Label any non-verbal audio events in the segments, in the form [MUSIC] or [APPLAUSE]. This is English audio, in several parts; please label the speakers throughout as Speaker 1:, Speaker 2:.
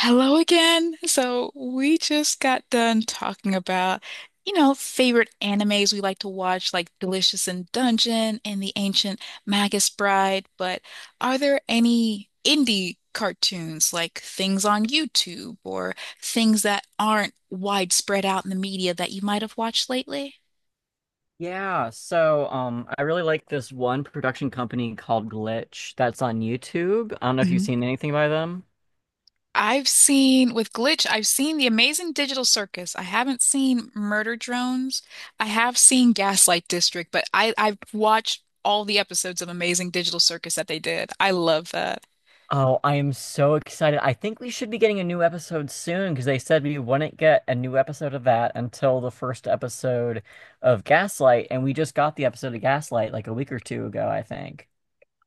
Speaker 1: Hello again. So we just got done talking about, favorite animes we like to watch, like Delicious in Dungeon and The Ancient Magus Bride. But are there any indie cartoons, like things on YouTube or things that aren't widespread out in the media that you might have watched lately?
Speaker 2: Yeah, so I really like this one production company called Glitch that's on YouTube. I don't know if you've seen anything by them.
Speaker 1: I've seen with Glitch, I've seen The Amazing Digital Circus. I haven't seen Murder Drones. I have seen Gaslight District, but I've watched all the episodes of Amazing Digital Circus that they did. I love that.
Speaker 2: Oh, I am so excited. I think we should be getting a new episode soon because they said we wouldn't get a new episode of that until the first episode of Gaslight, and we just got the episode of Gaslight like a week or two ago, I think.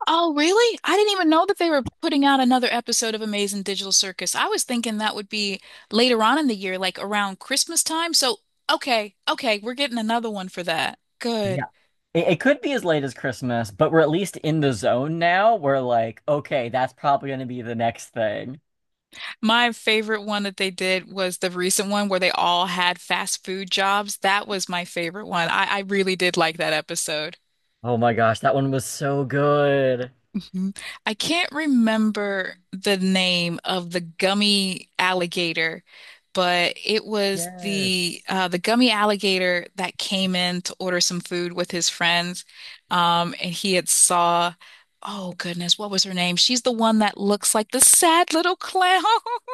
Speaker 1: Oh, really? I didn't even know that they were putting out another episode of Amazing Digital Circus. I was thinking that would be later on in the year, like around Christmas time. So, okay, we're getting another one for that. Good.
Speaker 2: Yeah. It could be as late as Christmas, but we're at least in the zone now. We're like, okay, that's probably going to be the next thing.
Speaker 1: My favorite one that they did was the recent one where they all had fast food jobs. That was my favorite one. I really did like that episode.
Speaker 2: Oh my gosh, that one was so good.
Speaker 1: Mhm. I can't remember the name of the gummy alligator, but it was
Speaker 2: Yes.
Speaker 1: the gummy alligator that came in to order some food with his friends, and he had saw, oh goodness, what was her name? She's the one that looks like the sad little clown. [LAUGHS]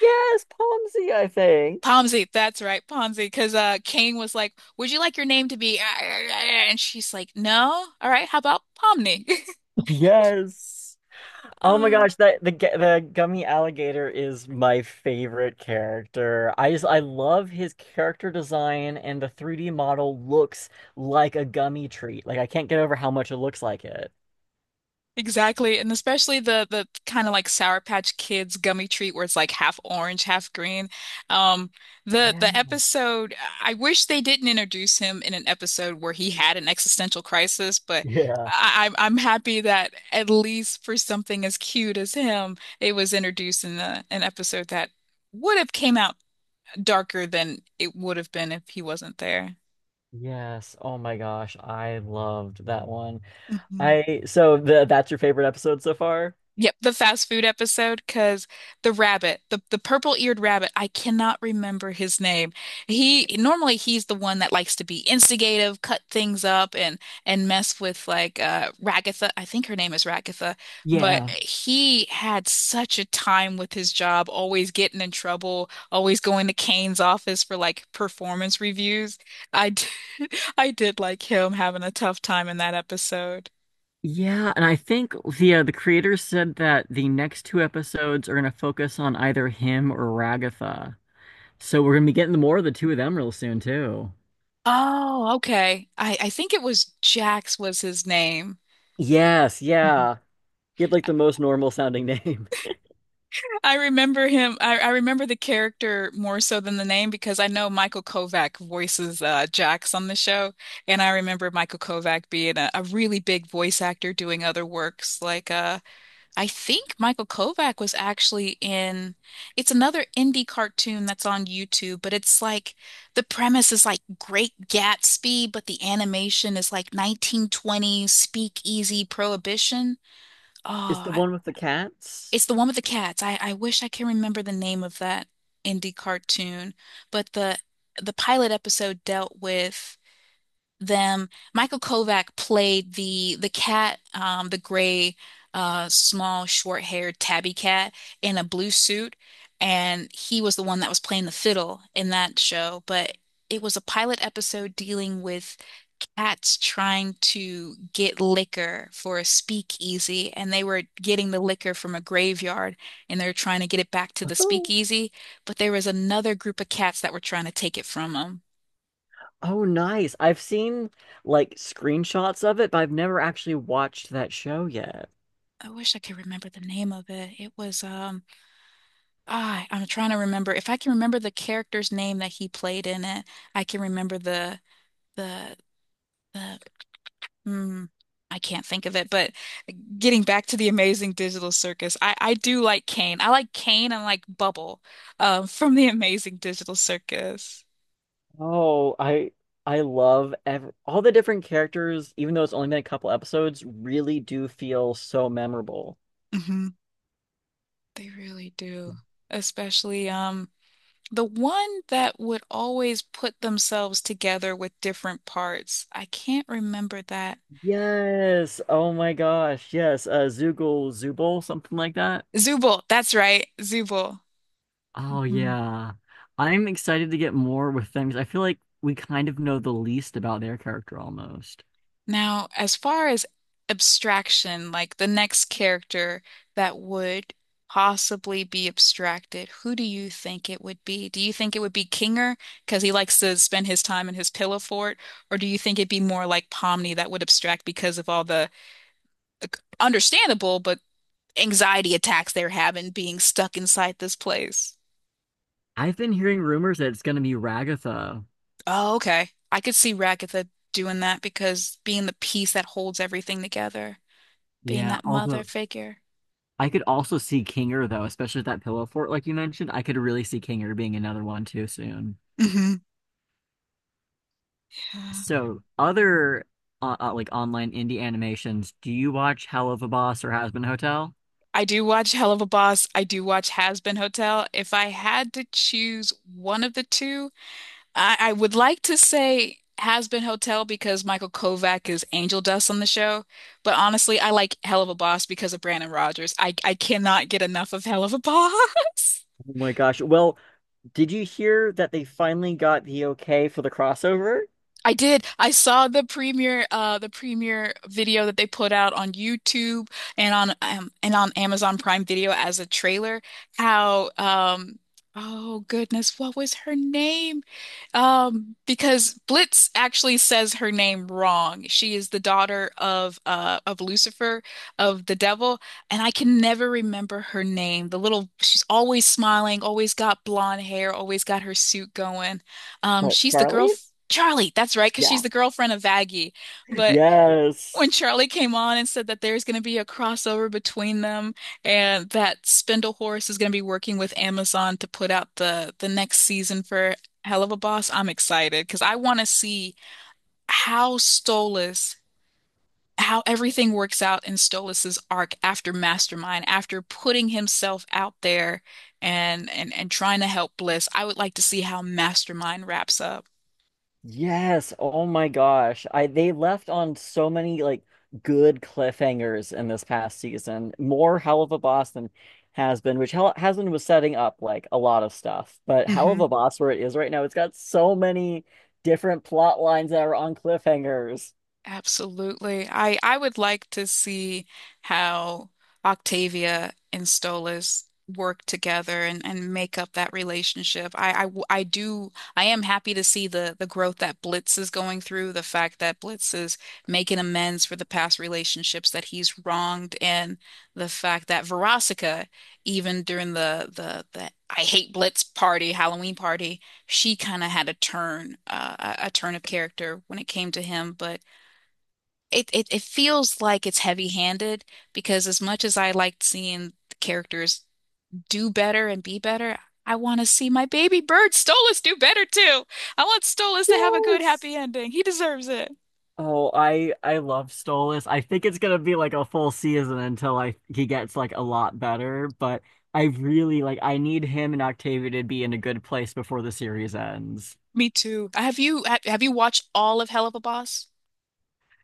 Speaker 2: Yes, Pomsey, I think.
Speaker 1: Pomsey, that's right, Pomsey, because Kane was like, "Would you like your name to be?" And she's like, "No, all right, how about Pomni?" [LAUGHS]
Speaker 2: Yes. Oh my
Speaker 1: Um,
Speaker 2: gosh, the gummy alligator is my favorite character. I love his character design and the 3D model looks like a gummy treat. Like I can't get over how much it looks like it.
Speaker 1: exactly, and especially the kind of like Sour Patch Kids gummy treat where it's like half orange, half green. Um, the
Speaker 2: Yeah.
Speaker 1: the episode, I wish they didn't introduce him in an episode where he had an existential crisis, but
Speaker 2: Yeah.
Speaker 1: I'm happy that at least for something as cute as him, it was introduced in the, an episode that would have came out darker than it would have been if he wasn't there.
Speaker 2: Yes. Oh my gosh, I loved that one.
Speaker 1: Mhm.
Speaker 2: I so the that's your favorite episode so far?
Speaker 1: Yep, the fast food episode because the rabbit, the purple-eared rabbit, I cannot remember his name. He's the one that likes to be instigative, cut things up and mess with like Ragatha. I think her name is Ragatha, but
Speaker 2: Yeah.
Speaker 1: he had such a time with his job, always getting in trouble, always going to Kane's office for like performance reviews. I did, [LAUGHS] I did like him having a tough time in that episode.
Speaker 2: Yeah, and I think the creators said that the next two episodes are gonna focus on either him or Ragatha. So we're gonna be getting more of the two of them real soon too.
Speaker 1: Oh, okay. I think it was Jax was his name.
Speaker 2: Yes,
Speaker 1: Mhm.
Speaker 2: yeah. He had like the most normal sounding name.
Speaker 1: I remember him. I remember the character more so than the name because I know Michael Kovac voices Jax on the show, and I remember Michael Kovac being a really big voice actor doing other works I think Michael Kovac was actually in, it's another indie cartoon that's on YouTube, but it's like the premise is like Great Gatsby, but the animation is like 1920s speakeasy prohibition.
Speaker 2: [LAUGHS] Is
Speaker 1: Oh,
Speaker 2: the
Speaker 1: I,
Speaker 2: one with the cats?
Speaker 1: it's the one with the cats. I wish I can remember the name of that indie cartoon, but the pilot episode dealt with them. Michael Kovac played the cat, the gray, small, short-haired tabby cat in a blue suit, and he was the one that was playing the fiddle in that show. But it was a pilot episode dealing with cats trying to get liquor for a speakeasy, and they were getting the liquor from a graveyard, and they were trying to get it back to the
Speaker 2: Oh,
Speaker 1: speakeasy. But there was another group of cats that were trying to take it from them.
Speaker 2: oh, nice. I've seen like screenshots of it, but I've never actually watched that show yet.
Speaker 1: I wish I could remember the name of it. I'm trying to remember. If I can remember the character's name that he played in it, I can remember the the mm, I can't think of it, but getting back to the Amazing Digital Circus, I do like Kane. I like Kane and like Bubble from the Amazing Digital Circus.
Speaker 2: Oh, I love ev all the different characters, even though it's only been a couple episodes, really do feel so memorable.
Speaker 1: hmm They really do. Especially the one that would always put themselves together with different parts. I can't remember that
Speaker 2: Yes. Oh my gosh. Yes. Zoogle, Zooble, something like that.
Speaker 1: Zubul, that's right, Zubul.
Speaker 2: Oh
Speaker 1: Mhm.
Speaker 2: yeah. I'm excited to get more with them because I feel like we kind of know the least about their character almost.
Speaker 1: Now, as far as abstraction, like the next character that would possibly be abstracted, who do you think it would be? Do you think it would be Kinger because he likes to spend his time in his pillow fort, or do you think it'd be more like Pomni that would abstract because of all the uh, understandable but anxiety attacks they're having being stuck inside this place?
Speaker 2: I've been hearing rumors that it's going to be Ragatha.
Speaker 1: Oh, okay. I could see Ragatha doing that because being the piece that holds everything together, being
Speaker 2: Yeah,
Speaker 1: that mother
Speaker 2: although
Speaker 1: figure.
Speaker 2: I could also see Kinger though, especially with that pillow fort like you mentioned. I could really see Kinger being another one too soon.
Speaker 1: hmm Yeah.
Speaker 2: So, other like online indie animations, do you watch Hell of a Boss or Has Been Hotel?
Speaker 1: I do watch Hell of a Boss. I do watch Has Been Hotel. If I had to choose one of the two, I would like to say Has Been Hotel because Michael Kovac is angel dust on the show. But honestly, I like Hell of a Boss because of Brandon Rogers. I cannot get enough of Hell of a Boss. [LAUGHS]
Speaker 2: Oh my gosh. Well, did you hear that they finally got the okay for the crossover?
Speaker 1: I did. I saw the premiere, the premiere video that they put out on YouTube and on Amazon Prime Video as a trailer. How, um, oh goodness, what was her name? Because Blitz actually says her name wrong. She is the daughter of Lucifer, of the devil, and I can never remember her name. The little, she's always smiling, always got blonde hair, always got her suit going.
Speaker 2: What,
Speaker 1: She's the girl.
Speaker 2: Charlie?
Speaker 1: Charlie, that's right, because she's
Speaker 2: Yeah.
Speaker 1: the girlfriend of Aggie. But when
Speaker 2: Yes.
Speaker 1: Charlie came on and said that there's going to be a crossover between them and that Spindle Horse is going to be working with Amazon to put out the next season for Hell of a Boss, I'm excited because I want to see how Stolas, how everything works out in Stolas's arc after Mastermind, after putting himself out there and trying to help Bliss. I would like to see how Mastermind wraps up.
Speaker 2: Yes. Oh my gosh. I they left on so many like good cliffhangers in this past season. More Hell of a Boss than has been, which Hell has been was setting up like a lot of stuff. But Hell
Speaker 1: hmm
Speaker 2: of a Boss where it is right now, it's got so many different plot lines that are on cliffhangers.
Speaker 1: Absolutely. I would like to see how Octavia and Stolas work together and make up that relationship. I w- I do I am happy to see the growth that Blitz is going through, the fact that Blitz is making amends for the past relationships that he's wronged, and the fact that Veronica, even during the I hate Blitz party, Halloween party, she kind of had a turn, a turn of character when it came to him, but it feels like it's heavy-handed because as much as I liked seeing the characters do better and be better, I want to see my baby bird Stolas do better too. I want Stolas to have a good
Speaker 2: Yes.
Speaker 1: happy ending. He deserves it.
Speaker 2: Oh, I love Stolas. I think it's gonna be like a full season until I he gets like a lot better, but I really like I need him and Octavia to be in a good place before the series ends.
Speaker 1: Me too. Have you watched all of Hell of a Boss?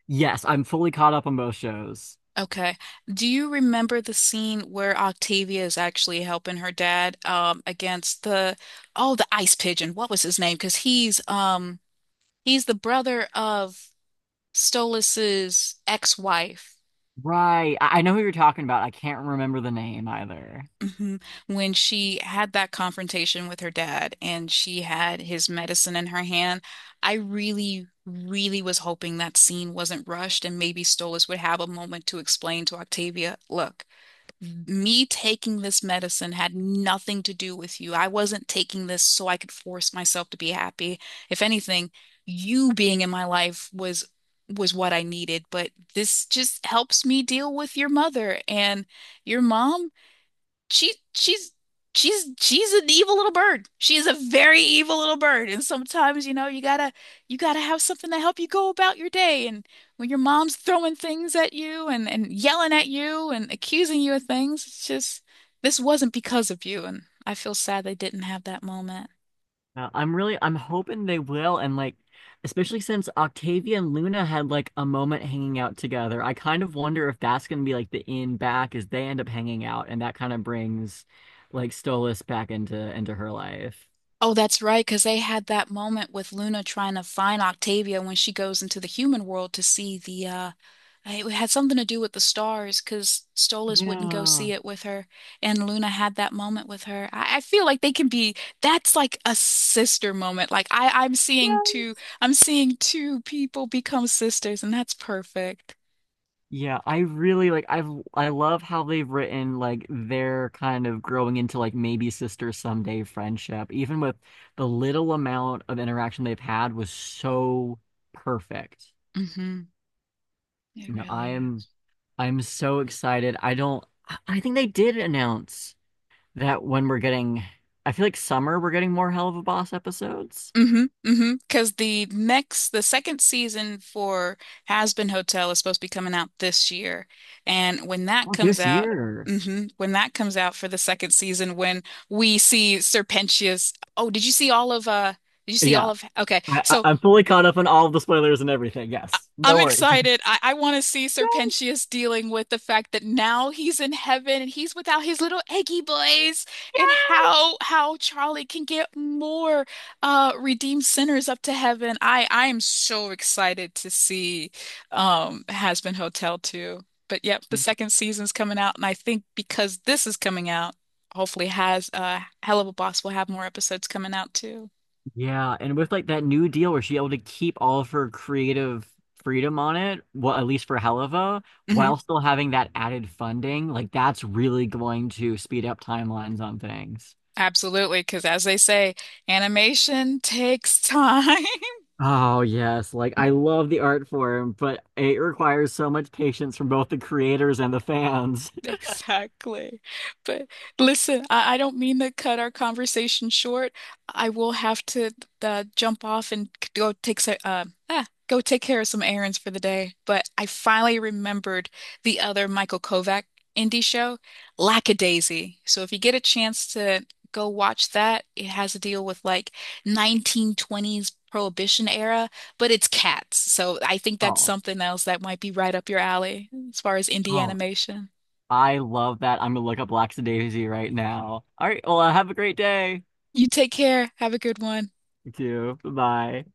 Speaker 2: Yes, I'm fully caught up on both shows.
Speaker 1: Okay. Do you remember the scene where Octavia is actually helping her dad against the oh the ice pigeon. What was his name? Because he's the brother of Stolas's ex-wife.
Speaker 2: Right. I know who you're talking about. I can't remember the name either.
Speaker 1: Mhm. When she had that confrontation with her dad and she had his medicine in her hand, I really, really was hoping that scene wasn't rushed and maybe Stolas would have a moment to explain to Octavia, look, me taking this medicine had nothing to do with you. I wasn't taking this so I could force myself to be happy. If anything, you being in my life was what I needed, but this just helps me deal with your mother and your mom she she's she's an evil little bird. She is a very evil little bird. And sometimes, you know, you gotta have something to help you go about your day. And when your mom's throwing things at you and yelling at you and accusing you of things, it's just this wasn't because of you. And I feel sad they didn't have that moment.
Speaker 2: I'm hoping they will, and like especially since Octavia and Luna had like a moment hanging out together. I kind of wonder if that's going to be like the in back as they end up hanging out, and that kind of brings like Stolas back into her life.
Speaker 1: Oh, that's right, because they had that moment with Luna trying to find Octavia when she goes into the human world to see the it had something to do with the stars because Stolas wouldn't go
Speaker 2: Yeah.
Speaker 1: see it with her, and Luna had that moment with her. I feel like they can be that's like a sister moment. Like
Speaker 2: Yeah.
Speaker 1: I'm seeing two people become sisters, and that's perfect.
Speaker 2: Yeah, I love how they've written like their kind of growing into like maybe sister someday friendship, even with the little amount of interaction they've had was so perfect.
Speaker 1: Mm-hmm. It
Speaker 2: No, I
Speaker 1: really
Speaker 2: am
Speaker 1: is.
Speaker 2: I'm so excited. I don't, I think they did announce that when we're getting, I feel like summer, we're getting more Hell of a Boss episodes.
Speaker 1: Mm-hmm, mm-hmm. Because the second season for Has Been Hotel is supposed to be coming out this year, and when that
Speaker 2: Oh,
Speaker 1: comes
Speaker 2: this
Speaker 1: out,
Speaker 2: year.
Speaker 1: when that comes out for the second season, when we see Serpentius. Oh, did you see all of?
Speaker 2: Yeah,
Speaker 1: Okay,
Speaker 2: I, I-
Speaker 1: so
Speaker 2: I'm fully caught up on all of the spoilers and everything. Yes, no
Speaker 1: I'm
Speaker 2: worries. [LAUGHS]
Speaker 1: excited. I want to see
Speaker 2: Yay!
Speaker 1: Serpentius dealing with the fact that now he's in heaven and he's without his little eggy boys, and how Charlie can get more redeemed sinners up to heaven. I am so excited to see Has Been Hotel too. But yep, the second season's coming out, and I think because this is coming out, hopefully has Hell of a Boss will have more episodes coming out too.
Speaker 2: Yeah, and with like that new deal where she able to keep all of her creative freedom on it, well, at least for Helava,
Speaker 1: Mhm.
Speaker 2: while still having that added funding, like that's really going to speed up timelines on things.
Speaker 1: Absolutely, because as they say, animation takes time. [LAUGHS]
Speaker 2: Oh yes, like I love the art form, but it requires so much patience from both the creators and the fans.
Speaker 1: [LAUGHS] Exactly. But listen, I don't mean to cut our conversation short. I will have to jump off and go take some, go take care of some errands for the day. But I finally remembered the other Michael Kovac indie show, Lackadaisy. So if you get a chance to go watch that, it has a deal with like 1920s Prohibition era, but it's cats. So I think that's
Speaker 2: Oh,
Speaker 1: something else that might be right up your alley as far as indie
Speaker 2: oh,
Speaker 1: animation.
Speaker 2: I love that. I'm gonna look up Lackadaisy right now. All right, well, have a great day.
Speaker 1: You take care. Have a good one.
Speaker 2: You too. Bye.